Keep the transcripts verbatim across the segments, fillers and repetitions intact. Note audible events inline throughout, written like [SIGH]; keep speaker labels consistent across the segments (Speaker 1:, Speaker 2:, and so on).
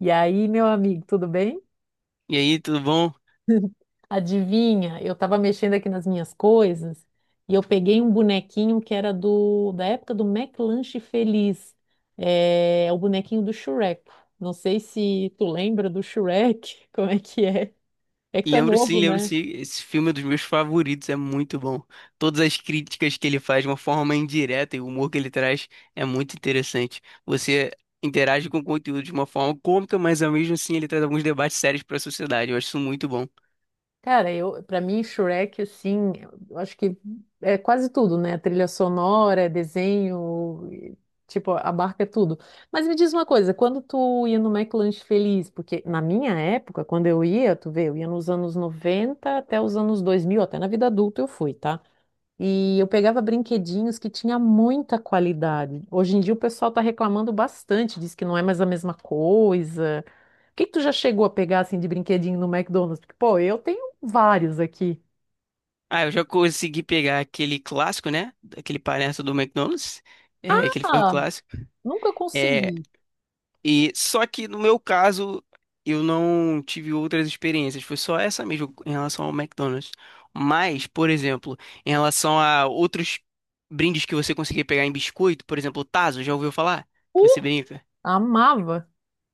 Speaker 1: E aí, meu amigo, tudo bem?
Speaker 2: E aí, tudo bom?
Speaker 1: Adivinha, eu tava mexendo aqui nas minhas coisas e eu peguei um bonequinho que era do da época do McLanche Feliz. É, é o bonequinho do Shrek. Não sei se tu lembra do Shrek, [LAUGHS] como é que é? É que tu é
Speaker 2: Lembro
Speaker 1: novo,
Speaker 2: sim, lembro
Speaker 1: né?
Speaker 2: sim. Esse filme é dos meus favoritos, é muito bom. Todas as críticas que ele faz de uma forma indireta e o humor que ele traz é muito interessante. Você interage com o conteúdo de uma forma cômica, mas ao mesmo assim ele traz alguns debates sérios para a sociedade. Eu acho isso muito bom.
Speaker 1: Cara, eu, para mim, Shrek, assim, eu acho que é quase tudo, né? Trilha sonora, é desenho, e, tipo, abarca tudo. Mas me diz uma coisa, quando tu ia no McLanche Feliz, porque na minha época, quando eu ia, tu vê, eu ia nos anos noventa até os anos dois mil, até na vida adulta eu fui, tá? E eu pegava brinquedinhos que tinha muita qualidade. Hoje em dia o pessoal está reclamando bastante, diz que não é mais a mesma coisa. O que que tu já chegou a pegar assim de brinquedinho no McDonald's? Porque, pô, eu tenho vários aqui.
Speaker 2: Ah, eu já consegui pegar aquele clássico, né? Aquele palhaço do McDonald's, é, que ele foi um
Speaker 1: Ah,
Speaker 2: clássico.
Speaker 1: nunca
Speaker 2: É.
Speaker 1: consegui.
Speaker 2: E só que no meu caso, eu não tive outras experiências, foi só essa mesmo em relação ao McDonald's. Mas, por exemplo, em relação a outros brindes que você conseguia pegar em biscoito, por exemplo, o Tazo, já ouviu falar? Que você
Speaker 1: Uh,
Speaker 2: brinca? [LAUGHS]
Speaker 1: Amava.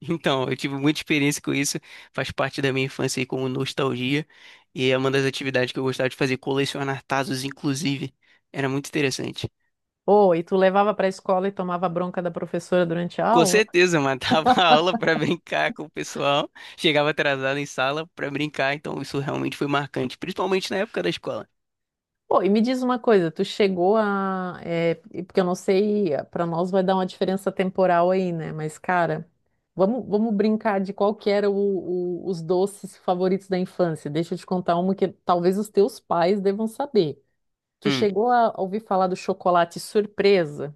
Speaker 2: Então, eu tive muita experiência com isso, faz parte da minha infância aí como nostalgia, e é uma das atividades que eu gostava de fazer, colecionar Tazos, inclusive. Era muito interessante.
Speaker 1: Oh, e tu levava para a escola e tomava bronca da professora durante a
Speaker 2: Com
Speaker 1: aula?
Speaker 2: certeza, matava a aula para brincar com o pessoal. Chegava atrasado em sala para brincar, então isso realmente foi marcante, principalmente na época da escola.
Speaker 1: Pô, e me diz uma coisa, tu chegou a. É, e porque eu não sei, pra nós vai dar uma diferença temporal aí, né? Mas, cara, vamos, vamos brincar de qual que era o- o- os doces favoritos da infância. Deixa eu te contar uma que talvez os teus pais devam saber. Tu
Speaker 2: Hum,
Speaker 1: chegou a ouvir falar do chocolate surpresa?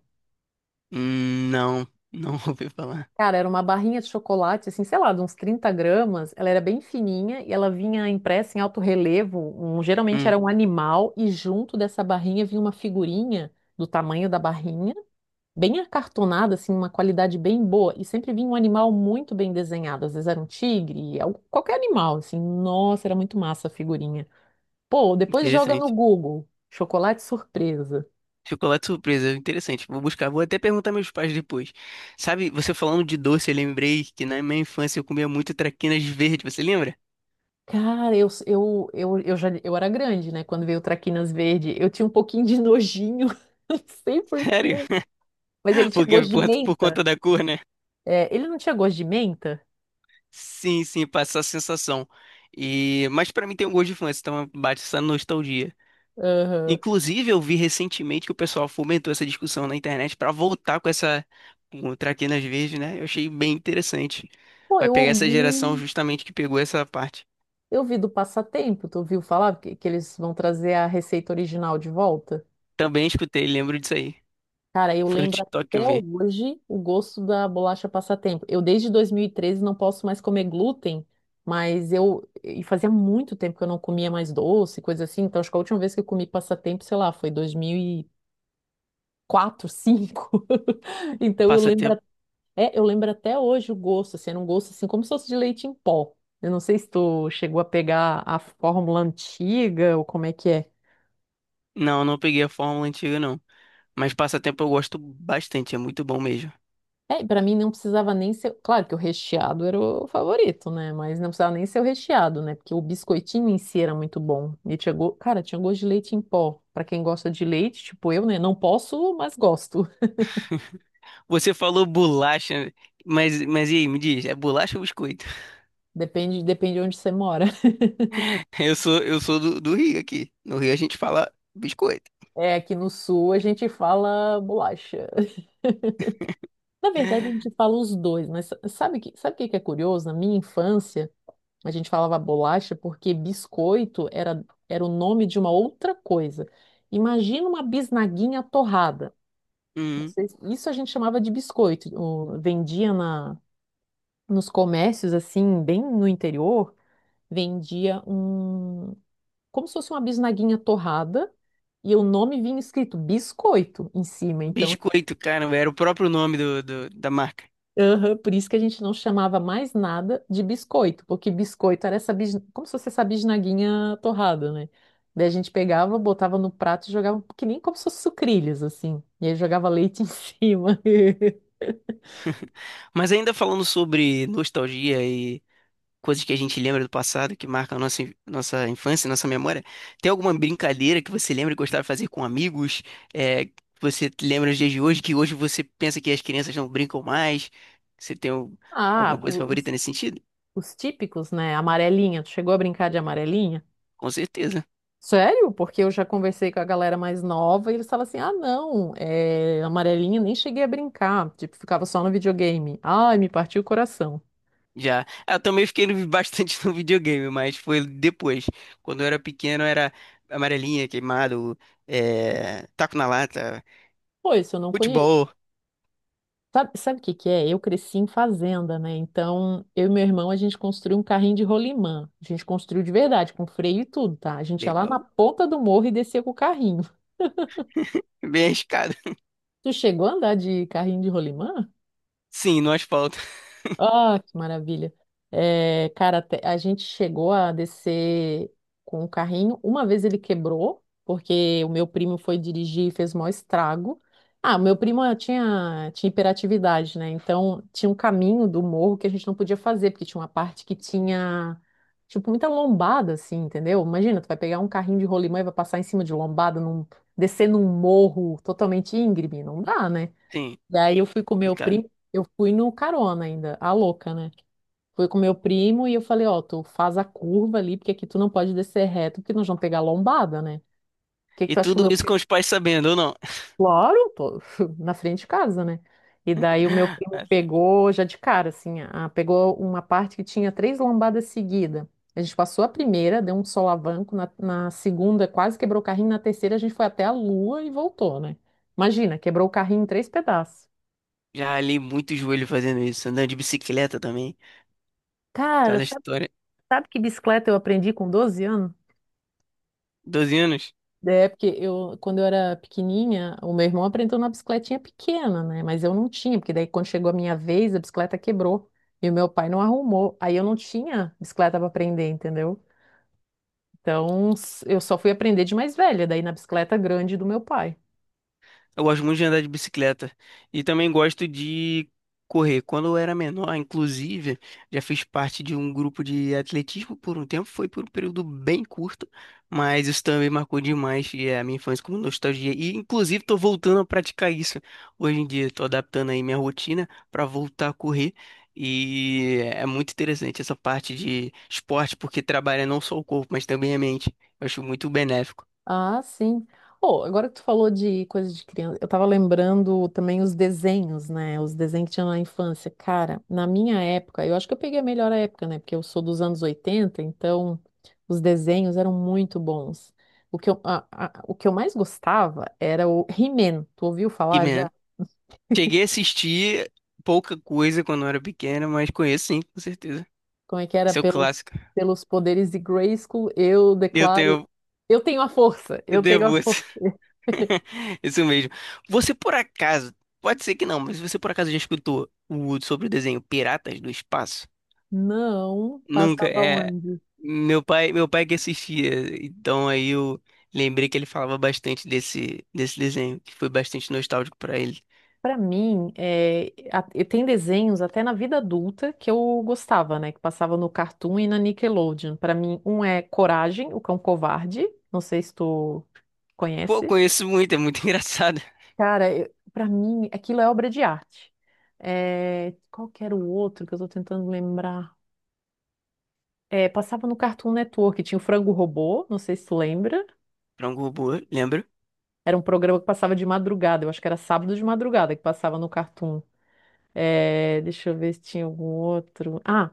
Speaker 2: hum, não, não [LAUGHS] ouvi falar.
Speaker 1: Cara, era uma barrinha de chocolate, assim, sei lá, de uns trinta gramas. Ela era bem fininha e ela vinha impressa em alto relevo. Um- geralmente
Speaker 2: Hum,
Speaker 1: era um animal e junto dessa barrinha vinha uma figurinha do tamanho da barrinha, bem acartonada, assim, uma qualidade bem boa. E sempre vinha um animal muito bem desenhado. Às vezes era um tigre, al- qualquer animal, assim. Nossa, era muito massa a figurinha. Pô, depois joga no
Speaker 2: interessante.
Speaker 1: Google, chocolate surpresa.
Speaker 2: Chocolate surpresa, interessante. Vou buscar, vou até perguntar meus pais depois. Sabe, você falando de doce, eu lembrei que na minha infância eu comia muito traquinas verde, você lembra?
Speaker 1: Cara, eu, eu, eu, eu já eu era grande, né? Quando veio o Traquinas Verde, eu tinha um pouquinho de nojinho, [LAUGHS] não sei por quê.
Speaker 2: Sério?
Speaker 1: Mas ele
Speaker 2: [LAUGHS]
Speaker 1: tinha
Speaker 2: Porque
Speaker 1: gosto de
Speaker 2: por, por
Speaker 1: menta.
Speaker 2: conta da cor, né?
Speaker 1: É, ele não tinha gosto de menta?
Speaker 2: Sim, sim, passa a sensação. E, mas pra mim tem um gosto de infância, então bate essa nostalgia.
Speaker 1: Aham.
Speaker 2: Inclusive, eu vi recentemente que o pessoal fomentou essa discussão na internet para voltar com essa com traquinas verdes, né? Eu achei bem interessante.
Speaker 1: Pô,
Speaker 2: Vai
Speaker 1: eu
Speaker 2: pegar essa geração
Speaker 1: ouvi,
Speaker 2: justamente que pegou essa parte.
Speaker 1: eu vi do Passatempo, tu ouviu falar que, que eles vão trazer a receita original de volta?
Speaker 2: Também escutei, lembro disso aí.
Speaker 1: Cara, eu
Speaker 2: Foi no
Speaker 1: lembro
Speaker 2: TikTok que eu
Speaker 1: até
Speaker 2: vi.
Speaker 1: hoje o gosto da bolacha passatempo. Eu desde dois mil e treze não posso mais comer glúten, mas eu e fazia muito tempo que eu não comia mais doce, coisa assim. Então acho que a última vez que eu comi passatempo, sei lá, foi dois mil e quatro, dois mil e cinco. [LAUGHS] Então eu lembro,
Speaker 2: Passatempo.
Speaker 1: até- eu lembro até hoje o gosto, assim, era um gosto assim como se fosse de leite em pó. Eu não sei se tu chegou a pegar a fórmula antiga ou como é que é.
Speaker 2: Não, não peguei a fórmula antiga, não. Mas passatempo eu gosto bastante, é muito bom mesmo.
Speaker 1: É, para mim não precisava nem ser. Claro que o recheado era o favorito, né? Mas não precisava nem ser o recheado, né? Porque o biscoitinho em si era muito bom. E tinha go... Cara, tinha gosto de leite em pó. Pra quem gosta de leite, tipo eu, né? Não posso, mas gosto. [LAUGHS]
Speaker 2: [LAUGHS] Você falou bolacha, mas, mas e aí, me diz, é bolacha ou biscoito?
Speaker 1: Depende, depende de onde você mora. [LAUGHS]
Speaker 2: [LAUGHS] Eu sou, eu sou do, do Rio aqui. No Rio a gente fala biscoito.
Speaker 1: É, aqui no sul a gente fala bolacha. [LAUGHS] Na verdade, a gente fala os dois, mas sa- sabe que, sabe o que que é curioso? Na minha infância, a gente falava bolacha porque biscoito era, era o nome de uma outra coisa. Imagina uma bisnaguinha torrada.
Speaker 2: Hum.
Speaker 1: Vocês- Isso a gente chamava de biscoito. O- Vendia na, nos comércios, assim, bem no interior, vendia um, como se fosse uma bisnaguinha torrada, e o nome vinha escrito biscoito em cima. Então,
Speaker 2: Biscoito, cara, era o próprio nome do, do- da marca.
Speaker 1: aham, por isso que a gente não chamava mais nada de biscoito, porque biscoito era essa, bis- como se fosse essa bisnaguinha torrada, né? Daí a gente pegava, botava no prato e jogava, que nem como se fosse sucrilhos, assim. E aí jogava leite em cima. [LAUGHS]
Speaker 2: Mas ainda falando sobre nostalgia e coisas que a gente lembra do passado, que marcam a nossa, in- nossa infância, nossa memória, tem alguma brincadeira que você lembra e gostava de fazer com amigos? É, que você lembra nos dias de hoje, que hoje você pensa que as crianças não brincam mais? Você tem al-
Speaker 1: Ah,
Speaker 2: alguma coisa favorita nesse sentido?
Speaker 1: os típicos, né? Amarelinha. Tu chegou a brincar de amarelinha?
Speaker 2: Com certeza.
Speaker 1: Sério? Porque eu já conversei com a galera mais nova e eles falam assim: ah, não, é, amarelinha nem cheguei a brincar. Tipo, ficava só no videogame. Ai, me partiu o coração.
Speaker 2: Já. Ah, eu também fiquei no- [LAUGHS] bastante no videogame, mas foi depois. Quando eu era pequeno, era amarelinha, queimado, é, taco na lata,
Speaker 1: Pô, isso eu não conheço.
Speaker 2: futebol.
Speaker 1: Sabe, sabe o que que é? Eu cresci em fazenda, né? Então, eu e meu irmão, a gente construiu um carrinho de rolimã. A gente construiu de verdade, com freio e tudo, tá? A gente ia lá na
Speaker 2: Legal.
Speaker 1: ponta do morro e descia com o carrinho.
Speaker 2: Bem arriscado. [LAUGHS]
Speaker 1: Tu chegou a andar de carrinho de rolimã?
Speaker 2: Sim, no asfalto. [LAUGHS]
Speaker 1: Ah, que maravilha. É, cara, te- a gente chegou a descer com o carrinho. Uma vez ele quebrou, porque o meu primo foi dirigir e fez o maior estrago. Ah, o meu primo ah, tinha, tinha hiperatividade, né? Então tinha um caminho do morro que a gente não podia fazer, porque tinha uma parte que tinha, tipo, muita lombada, assim, entendeu? Imagina, tu vai pegar um carrinho de rolimã e vai passar em cima de lombada, num- descer num morro totalmente íngreme. Não dá, né?
Speaker 2: Sim,
Speaker 1: E aí eu fui com meu
Speaker 2: complicado.
Speaker 1: primo, eu fui no carona ainda, a louca, né? Fui com meu primo e eu falei, ó, tu faz a curva ali, porque aqui tu não pode descer reto, porque nós vamos pegar lombada, né? O que que
Speaker 2: E
Speaker 1: tu acha que o
Speaker 2: tudo
Speaker 1: meu
Speaker 2: isso com
Speaker 1: primo?
Speaker 2: os pais sabendo, ou não?
Speaker 1: Claro, tô [LAUGHS] na frente de casa, né? E
Speaker 2: [LAUGHS]
Speaker 1: daí o meu primo
Speaker 2: Ah, tá.
Speaker 1: pegou já de cara, assim, a- pegou uma parte que tinha três lombadas seguidas. A gente passou a primeira, deu um solavanco, na, na segunda quase quebrou o carrinho, na terceira a gente foi até a lua e voltou, né? Imagina, quebrou o carrinho em três pedaços.
Speaker 2: Já ralei muito o joelho fazendo isso. Andando de bicicleta também.
Speaker 1: Cara,
Speaker 2: Cada história.
Speaker 1: sabe que bicicleta eu aprendi com doze anos?
Speaker 2: Doze anos?
Speaker 1: É, porque eu, quando eu era pequenininha, o meu irmão aprendeu na bicicletinha pequena, né? Mas eu não tinha, porque daí quando chegou a minha vez, a bicicleta quebrou e o meu pai não arrumou. Aí eu não tinha bicicleta para aprender, entendeu? Então s- eu só fui aprender de mais velha, daí na bicicleta grande do meu pai.
Speaker 2: Eu gosto muito de andar de bicicleta e também gosto de correr. Quando eu era menor, inclusive, já fiz parte de um grupo de atletismo por um tempo, foi por um período bem curto, mas isso também marcou demais e é, a minha infância como nostalgia. E inclusive estou voltando a praticar isso. Hoje em dia estou adaptando aí minha rotina para voltar a correr. E é muito interessante essa parte de esporte, porque trabalha não só o corpo, mas também a mente. Eu acho muito benéfico.
Speaker 1: Ah, sim. Oh, agora que tu falou de coisa de criança, eu tava lembrando também os desenhos, né? Os desenhos que tinha na infância. Cara, na minha época, eu acho que eu peguei a melhor época, né? Porque eu sou dos anos oitenta. Então os desenhos eram muito bons. O que eu, a- a- o que eu mais gostava era o He-Man. Tu ouviu falar já?
Speaker 2: Cheguei a assistir pouca coisa quando eu era pequeno, mas conheço sim, com certeza.
Speaker 1: Como é que era
Speaker 2: Esse é o
Speaker 1: pelos,
Speaker 2: clássico.
Speaker 1: pelos poderes de Grayskull? Eu
Speaker 2: Eu
Speaker 1: declaro.
Speaker 2: tenho,
Speaker 1: Eu tenho a força,
Speaker 2: eu
Speaker 1: eu tenho a
Speaker 2: devo
Speaker 1: força.
Speaker 2: esse, [LAUGHS] isso mesmo. Você por acaso, pode ser que não, mas você por acaso já escutou o, sobre o desenho Piratas do Espaço?
Speaker 1: Não,
Speaker 2: Nunca,
Speaker 1: passava
Speaker 2: é.
Speaker 1: onde?
Speaker 2: Meu pai, meu pai que assistia, então aí eu lembrei que ele falava bastante desse, desse desenho, que foi bastante nostálgico pra ele.
Speaker 1: Pra mim, é, a- e tem desenhos até na vida adulta que eu gostava, né? Que passava no Cartoon e na Nickelodeon. Pra mim, um é Coragem, o Cão Covarde. Não sei se tu
Speaker 2: Pô,
Speaker 1: conhece.
Speaker 2: conheço muito, é muito [LAUGHS] engraçado.
Speaker 1: Cara, eu, para mim, aquilo é obra de arte. É, qual que era o outro que eu tô tentando lembrar? É, passava no Cartoon Network, tinha o Frango Robô, não sei se tu lembra.
Speaker 2: Frango Robô, lembra?
Speaker 1: Era um programa que passava de madrugada, eu acho que era sábado de madrugada que passava no Cartoon. É, deixa eu ver se tinha algum outro. Ah!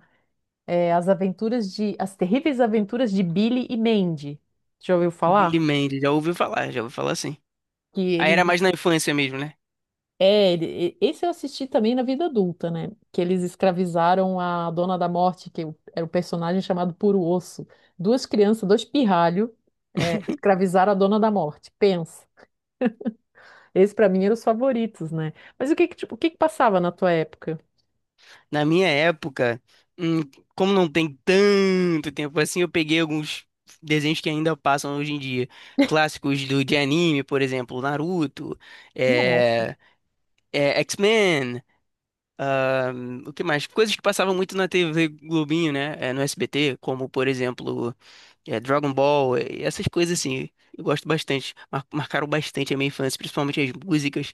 Speaker 1: É, As Aventuras de, As Terríveis Aventuras de Billy e Mandy. Já ouviu falar?
Speaker 2: Billy Mandy, já ouviu falar, já ouviu falar sim.
Speaker 1: Que
Speaker 2: Aí era
Speaker 1: eles,
Speaker 2: mais na infância mesmo, né?
Speaker 1: é, ele- e- esse eu assisti também na vida adulta, né? Que eles escravizaram a Dona da Morte, que o- era o personagem chamado Puro Osso. Duas crianças, dois pirralhos, é,
Speaker 2: [LAUGHS]
Speaker 1: escravizaram a Dona da Morte. Pensa. Esse pra mim eram os favoritos, né? Mas o que que, tipo, o que que passava na tua época?
Speaker 2: Na minha época, hum, como não tem tanto tempo assim, eu peguei alguns desenhos que ainda passam hoje em dia. Clássicos do, de anime, por exemplo, Naruto,
Speaker 1: Nossa.
Speaker 2: é, é, X-Men, hum, o que mais? Coisas que passavam muito na T V Globinho, né? É, no S B T, como, por exemplo, é, Dragon Ball, é, essas coisas assim. Eu gosto bastante, mar- marcaram bastante a minha infância, principalmente as músicas.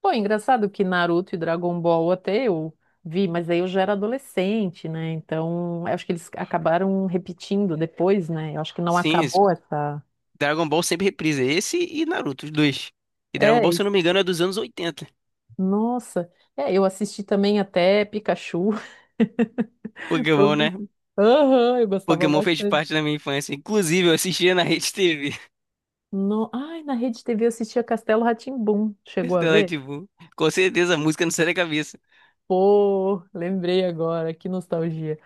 Speaker 1: Pô, é engraçado que Naruto e Dragon Ball até eu vi, mas aí eu já era adolescente, né? Então, eu acho que eles acabaram repetindo depois, né? Eu acho que não
Speaker 2: Sim,
Speaker 1: acabou essa.
Speaker 2: Dragon Ball sempre reprisa esse e Naruto, os dois. E Dragon
Speaker 1: É,
Speaker 2: Ball, se eu
Speaker 1: isso.
Speaker 2: não me engano, é dos anos oitenta.
Speaker 1: Nossa. É, eu assisti também até Pikachu, [LAUGHS]
Speaker 2: Pokémon,
Speaker 1: todos
Speaker 2: né?
Speaker 1: esses. Aham, eu gostava
Speaker 2: Pokémon fez
Speaker 1: bastante.
Speaker 2: parte da minha infância. Inclusive, eu assistia na Rede T V. [LAUGHS]
Speaker 1: No... Ai, na Rede T V eu assistia Castelo rá tim. Chegou a
Speaker 2: Então, é,
Speaker 1: ver?
Speaker 2: tipo, com certeza a música não sai da cabeça.
Speaker 1: Pô, lembrei agora, que nostalgia.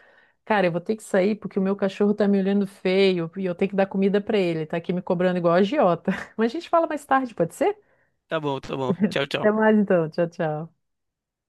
Speaker 1: Cara, eu vou ter que sair porque o meu cachorro tá me olhando feio e eu tenho que dar comida pra ele. Tá aqui me cobrando igual a agiota. [LAUGHS] Mas a gente fala mais tarde, pode ser?
Speaker 2: Tá bom, tá bom. Tchau,
Speaker 1: Até
Speaker 2: tchau.
Speaker 1: mais então. Tchau, tchau.